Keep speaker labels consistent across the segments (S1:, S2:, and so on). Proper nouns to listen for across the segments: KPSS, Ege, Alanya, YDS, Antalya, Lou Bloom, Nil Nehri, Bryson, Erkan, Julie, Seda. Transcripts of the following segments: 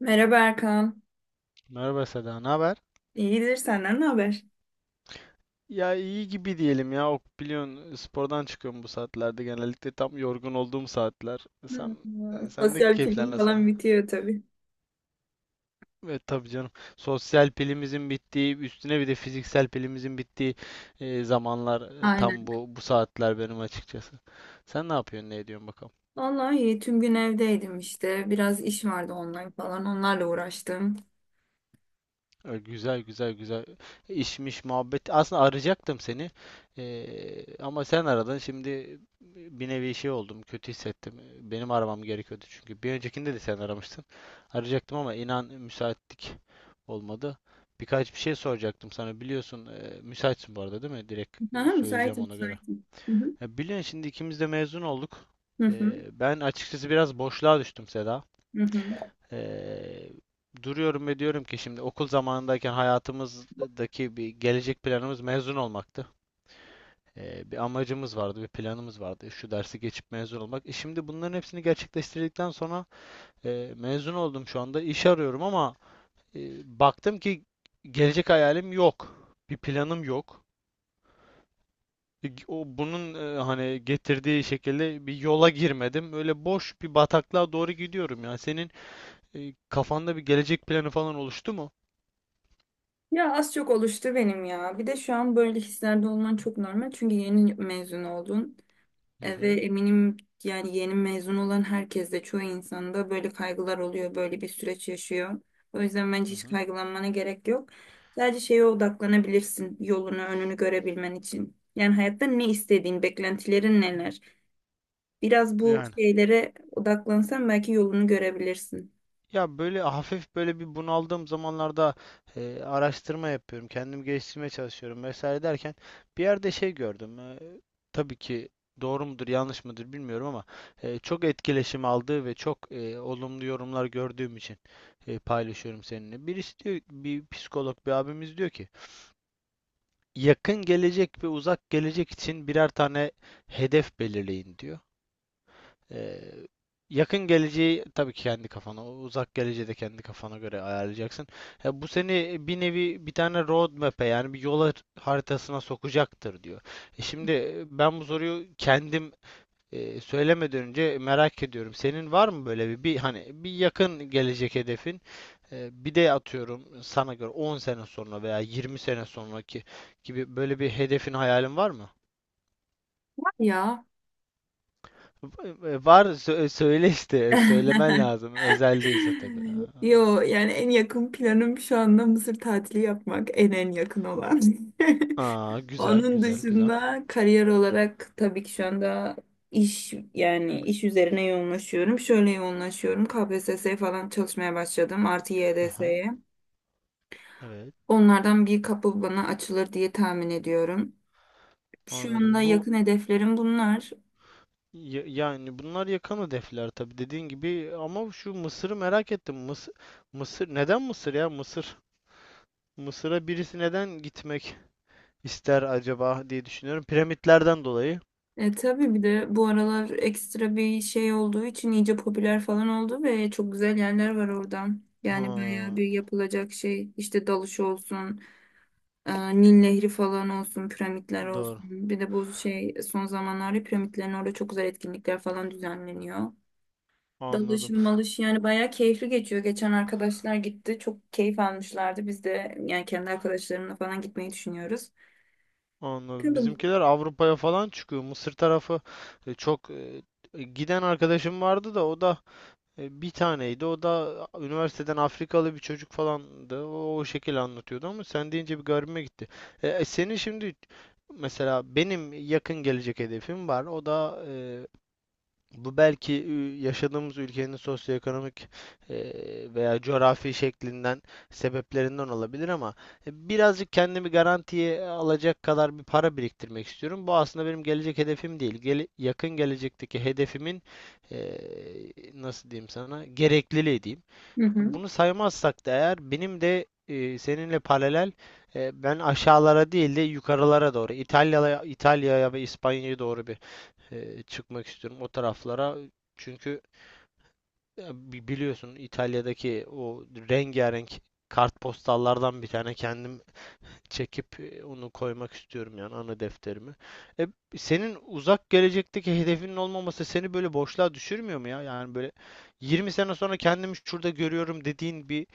S1: Merhaba Erkan.
S2: Merhaba Seda, ne haber?
S1: İyidir, senden ne haber?
S2: Ya iyi gibi diyelim ya. Ok, biliyorsun spordan çıkıyorum bu saatlerde. Genellikle tam yorgun olduğum saatler. Sen,
S1: Merhaba.
S2: sen de
S1: Sosyal
S2: keyifler
S1: film
S2: nasıl?
S1: falan bitiyor tabii.
S2: Evet tabii canım. Sosyal pilimizin bittiği, üstüne bir de fiziksel pilimizin bittiği zamanlar,
S1: Aynen.
S2: tam bu saatler benim açıkçası. Sen ne yapıyorsun, ne ediyorsun bakalım?
S1: Vallahi iyi. Tüm gün evdeydim işte. Biraz iş vardı, online falan. Onlarla uğraştım.
S2: Güzel güzel güzel işmiş muhabbet. Aslında arayacaktım seni. Ama sen aradın. Şimdi bir nevi şey oldum. Kötü hissettim. Benim aramam gerekiyordu çünkü. Bir öncekinde de sen aramıştın. Arayacaktım ama inan müsaitlik olmadı. Birkaç bir şey soracaktım sana. Biliyorsun müsaitsin bu arada değil mi? Direkt
S1: Aha,
S2: söyleyeceğim
S1: müsaitim,
S2: ona göre.
S1: müsaitim. Hı hı.
S2: Ya biliyorsun şimdi ikimiz de mezun olduk.
S1: Hı hı.
S2: Ben açıkçası biraz boşluğa düştüm Seda.
S1: Hı hı.
S2: Eee, Duruyorum ve diyorum ki şimdi okul zamanındayken hayatımızdaki bir gelecek planımız mezun olmaktı. Bir amacımız vardı, bir planımız vardı. Şu dersi geçip mezun olmak. E şimdi bunların hepsini gerçekleştirdikten sonra mezun oldum şu anda. İş arıyorum ama baktım ki gelecek hayalim yok. Bir planım yok. O bunun, hani getirdiği şekilde bir yola girmedim. Öyle boş bir bataklığa doğru gidiyorum ya. Senin kafanda bir gelecek planı falan oluştu mu?
S1: Ya az çok oluştu benim ya. Bir de şu an böyle hislerde olman çok normal. Çünkü yeni mezun oldun.
S2: Hı
S1: Ve
S2: hı.
S1: eminim yani yeni mezun olan herkeste, çoğu insanda böyle kaygılar oluyor, böyle bir süreç yaşıyor. O yüzden bence
S2: Hı
S1: hiç
S2: hı.
S1: kaygılanmana gerek yok. Sadece şeye odaklanabilirsin, yolunu, önünü görebilmen için. Yani hayatta ne istediğin, beklentilerin neler? Biraz bu
S2: Yani.
S1: şeylere odaklansan belki yolunu görebilirsin.
S2: Ya böyle hafif böyle bir bunaldığım zamanlarda araştırma yapıyorum. Kendimi geliştirmeye çalışıyorum vesaire derken bir yerde şey gördüm. Tabii ki doğru mudur yanlış mıdır bilmiyorum ama çok etkileşim aldığı ve çok olumlu yorumlar gördüğüm için paylaşıyorum seninle. Birisi diyor, bir psikolog bir abimiz diyor ki yakın gelecek ve uzak gelecek için birer tane hedef belirleyin diyor. Ee, Yakın geleceği tabii ki kendi kafana, uzak geleceği de kendi kafana göre ayarlayacaksın. Ya bu seni bir nevi bir tane road map'e, yani bir yol haritasına sokacaktır diyor. E şimdi, ben bu soruyu kendim söylemeden önce merak ediyorum. Senin var mı böyle bir, bir hani bir yakın gelecek hedefin? Bir de atıyorum, sana göre 10 sene sonra veya 20 sene sonraki gibi böyle bir hedefin, hayalin var mı?
S1: Ya
S2: Var, söyle işte, söylemen lazım özel değilse tabii.
S1: Yo, yani en yakın planım şu anda Mısır tatili yapmak, en yakın olan.
S2: Aa, güzel
S1: Onun
S2: güzel güzel.
S1: dışında kariyer olarak tabii ki şu anda iş, yani iş üzerine yoğunlaşıyorum. Şöyle yoğunlaşıyorum: KPSS'ye falan çalışmaya başladım. Artı
S2: Aha,
S1: YDS'ye.
S2: evet,
S1: Onlardan bir kapı bana açılır diye tahmin ediyorum. Şu anda
S2: anladım. Bu
S1: yakın hedeflerim bunlar.
S2: yani bunlar yakın hedefler tabii dediğin gibi ama şu Mısır'ı merak ettim. Mısır, Mısır neden Mısır ya Mısır? Mısır'a birisi neden gitmek ister acaba diye düşünüyorum. Piramitlerden dolayı.
S1: Tabii bir de bu aralar ekstra bir şey olduğu için iyice popüler falan oldu ve çok güzel yerler var oradan. Yani bayağı
S2: Ha,
S1: bir yapılacak şey, işte dalış olsun, Nil Nehri falan olsun, piramitler olsun.
S2: doğru,
S1: Bir de bu şey, son zamanlarda piramitlerin orada çok güzel etkinlikler falan düzenleniyor.
S2: anladım.
S1: Dalışım malış, yani bayağı keyifli geçiyor. Geçen arkadaşlar gitti, çok keyif almışlardı. Biz de yani kendi arkadaşlarımla falan gitmeyi düşünüyoruz.
S2: Anladım.
S1: Bakalım.
S2: Bizimkiler Avrupa'ya falan çıkıyor. Mısır tarafı çok, giden arkadaşım vardı da o da bir taneydi. O da üniversiteden Afrikalı bir çocuk falandı. O, o şekilde anlatıyordu ama sen deyince bir garibime gitti. Senin şimdi mesela benim yakın gelecek hedefim var. O da bu belki yaşadığımız ülkenin sosyoekonomik veya coğrafi şeklinden, sebeplerinden olabilir ama birazcık kendimi garantiye alacak kadar bir para biriktirmek istiyorum. Bu aslında benim gelecek hedefim değil. Yakın gelecekteki hedefimin eee, nasıl diyeyim sana, gerekliliği diyeyim.
S1: Hı hı.
S2: Bunu saymazsak da eğer benim de, seninle paralel, ben aşağılara değil de yukarılara doğru İtalya'ya ve İspanya'ya doğru bir, çıkmak istiyorum o taraflara. Çünkü ya biliyorsun İtalya'daki o rengarenk kartpostallardan bir tane kendim çekip onu koymak istiyorum yani ana defterime. E, Senin uzak gelecekteki hedefinin olmaması seni böyle boşluğa düşürmüyor mu ya? Yani böyle 20 sene sonra kendimi şurada görüyorum dediğin bir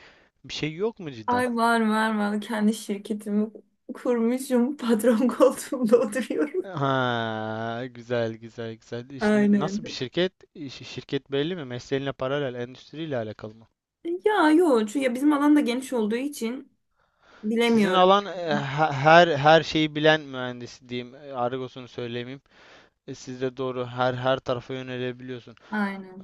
S2: şey yok mu cidden?
S1: Ay, var var var. Kendi şirketimi kurmuşum. Patron koltuğumda oturuyorum.
S2: Ha, güzel güzel güzel.
S1: Aynen.
S2: Nasıl bir şirket? Şirket belli mi? Mesleğinle paralel, endüstriyle alakalı mı?
S1: Ya yok. Çünkü ya bizim alan da geniş olduğu için
S2: Sizin
S1: bilemiyorum.
S2: alan, her şeyi bilen mühendis diyeyim. E, argosunu söylemeyeyim. E, siz de doğru her tarafa yönelebiliyorsun.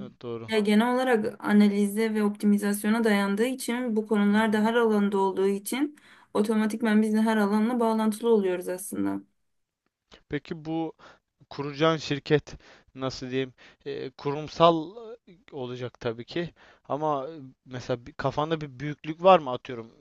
S2: E, doğru.
S1: Ya genel olarak analize ve optimizasyona dayandığı için, bu
S2: Hı
S1: konular da
S2: hı.
S1: her alanda olduğu için otomatikman biz de her alanla bağlantılı oluyoruz aslında.
S2: Peki bu kuracağın şirket nasıl diyeyim? Kurumsal, olacak tabii ki. Ama, mesela kafanda bir büyüklük var mı atıyorum?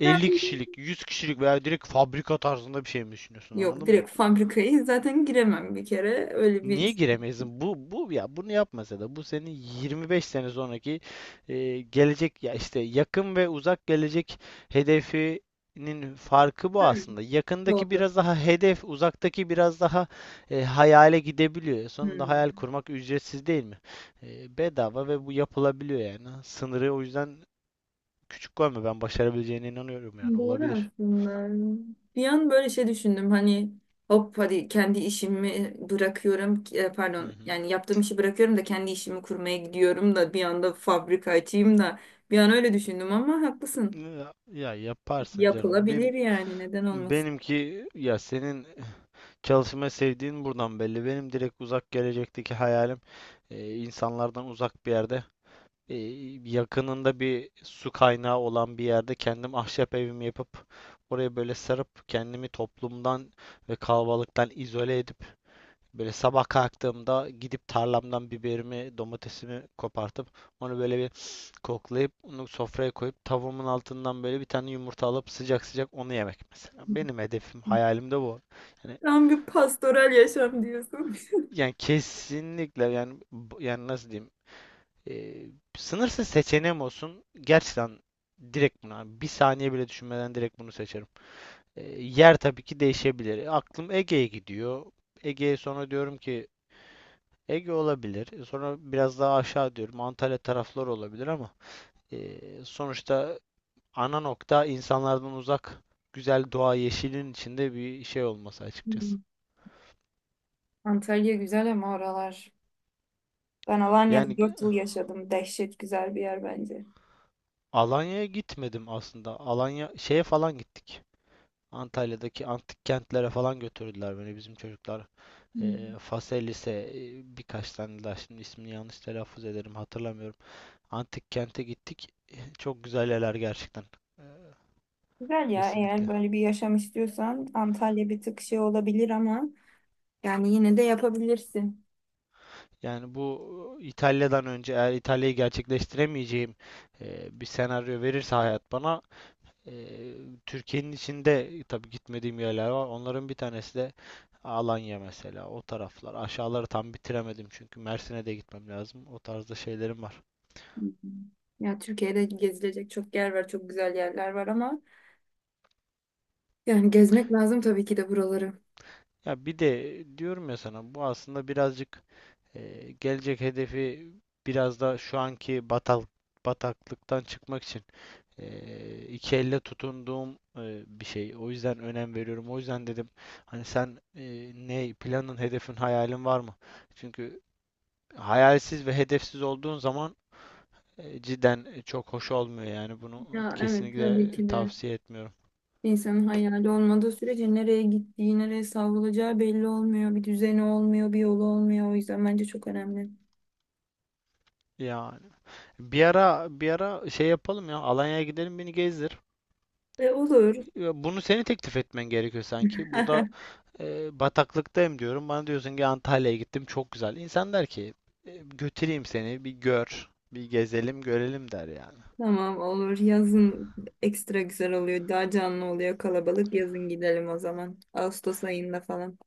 S2: 50
S1: Yani
S2: kişilik, 100 kişilik veya direkt fabrika tarzında bir şey mi düşünüyorsun?
S1: yok,
S2: Anladın mı?
S1: direkt fabrikayı zaten giremem bir kere. Öyle bir.
S2: Niye giremezsin? Bu ya, bunu yapmasa da bu senin 25 sene sonraki, gelecek ya işte yakın ve uzak gelecek hedefinin farkı bu
S1: Tabii.
S2: aslında. Yakındaki
S1: Doğru.
S2: biraz daha hedef, uzaktaki biraz daha, hayale gidebiliyor. Sonunda hayal
S1: Hmm.
S2: kurmak ücretsiz değil mi? E, bedava ve bu yapılabiliyor yani. Sınırı o yüzden küçük koyma. Ben başarabileceğine inanıyorum yani.
S1: Doğru
S2: Olabilir.
S1: aslında. Bir an böyle şey düşündüm, hani hop, hadi kendi işimi bırakıyorum,
S2: Hı
S1: pardon
S2: hı.
S1: yani yaptığım işi bırakıyorum da kendi işimi kurmaya gidiyorum da bir anda fabrika açayım da, bir an öyle düşündüm ama haklısın.
S2: Ya, ya yaparsın canım.
S1: Yapılabilir yani, neden olmasın.
S2: Benimki ya, senin çalışmayı sevdiğin buradan belli. Benim direkt uzak gelecekteki hayalim insanlardan uzak bir yerde, e, yakınında bir su kaynağı olan bir yerde kendim ahşap evimi yapıp oraya böyle sarıp kendimi toplumdan ve kalabalıktan izole edip böyle sabah kalktığımda gidip tarlamdan biberimi, domatesimi kopartıp onu böyle bir koklayıp onu sofraya koyup tavuğumun altından böyle bir tane yumurta alıp sıcak sıcak onu yemek mesela. Benim hedefim, hayalim de bu. Yani,
S1: Tam bir pastoral yaşam diyorsun.
S2: yani kesinlikle yani yani nasıl diyeyim, eee, sınırsız seçeneğim olsun gerçekten, direkt buna bir saniye bile düşünmeden direkt bunu seçerim. Yer tabii ki değişebilir. Aklım Ege'ye gidiyor. Ege'ye, sonra diyorum ki Ege olabilir. E, sonra biraz daha aşağı diyorum Antalya tarafları olabilir ama sonuçta ana nokta insanlardan uzak, güzel doğa, yeşilin içinde bir şey olması
S1: Hmm.
S2: açıkçası.
S1: Antalya güzel ama oralar. Ben Alanya'da
S2: Yani
S1: 4 yıl yaşadım. Dehşet güzel bir yer bence.
S2: Alanya'ya gitmedim aslında. Alanya şeye falan gittik. Antalya'daki antik kentlere falan götürdüler beni bizim çocuklar.
S1: Hmm.
S2: Faselis'e, birkaç tane daha şimdi ismini yanlış telaffuz ederim hatırlamıyorum. Antik kente gittik. E, çok güzel yerler gerçekten. Eee,
S1: Güzel ya, eğer
S2: Kesinlikle.
S1: böyle bir yaşam istiyorsan Antalya bir tık şey olabilir ama yani yine de yapabilirsin.
S2: Yani bu, İtalya'dan önce eğer İtalya'yı gerçekleştiremeyeceğim bir senaryo verirse hayat bana, Eee, Türkiye'nin içinde tabii gitmediğim yerler var. Onların bir tanesi de Alanya mesela. O taraflar. Aşağıları tam bitiremedim çünkü Mersin'e de gitmem lazım. O tarzda şeylerim var.
S1: Hı hı. Ya Türkiye'de gezilecek çok yer var, çok güzel yerler var ama yani gezmek lazım tabii ki de buraları.
S2: Ya bir de diyorum ya sana, bu aslında birazcık, gelecek hedefi biraz da şu anki bataklıktan çıkmak için iki elle tutunduğum, bir şey. O yüzden önem veriyorum. O yüzden dedim hani sen, ne planın, hedefin, hayalin var mı? Çünkü hayalsiz ve hedefsiz olduğun zaman, cidden, çok hoş olmuyor yani, bunu
S1: Ya evet, tabii
S2: kesinlikle
S1: ki de
S2: tavsiye etmiyorum.
S1: insanın hayali olmadığı sürece nereye gittiği, nereye savrulacağı belli olmuyor. Bir düzeni olmuyor, bir yolu olmuyor. O yüzden bence çok önemli.
S2: Yani bir ara şey yapalım ya, Alanya'ya gidelim, beni gezdir.
S1: Ve olur.
S2: Ya bunu seni teklif etmen gerekiyor sanki. Burada, bataklıktayım diyorum. Bana diyorsun ki Antalya'ya gittim çok güzel. İnsan der ki "E, götüreyim seni bir gör, bir gezelim görelim" der yani.
S1: Tamam, olur. Yazın ekstra güzel oluyor. Daha canlı oluyor, kalabalık. Yazın gidelim o zaman. Ağustos ayında falan.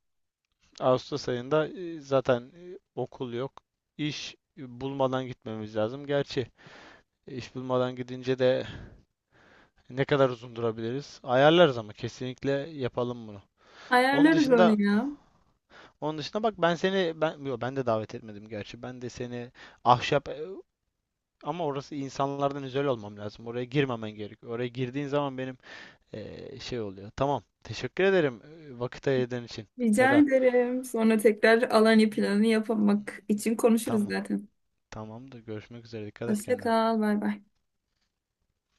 S2: Ağustos ayında zaten, okul yok. İş, bulmadan gitmemiz lazım. Gerçi İş bulmadan gidince de ne kadar uzun durabiliriz? Ayarlarız ama kesinlikle yapalım bunu. Onun
S1: Ayarlarız onu
S2: dışında
S1: ya.
S2: onun dışında bak, ben seni, ben de davet etmedim gerçi. Ben de seni ahşap, ama orası insanlardan özel olmam lazım. Oraya girmemen gerekiyor. Oraya girdiğin zaman benim, şey oluyor. Tamam. Teşekkür ederim vakit ayırdığın için
S1: Rica
S2: Seda.
S1: ederim. Sonra tekrar Alanya planı yapmak için konuşuruz
S2: Tamam.
S1: zaten.
S2: Tamamdır. Görüşmek üzere. Dikkat et
S1: Hoşça
S2: kendine.
S1: kal. Bay bay.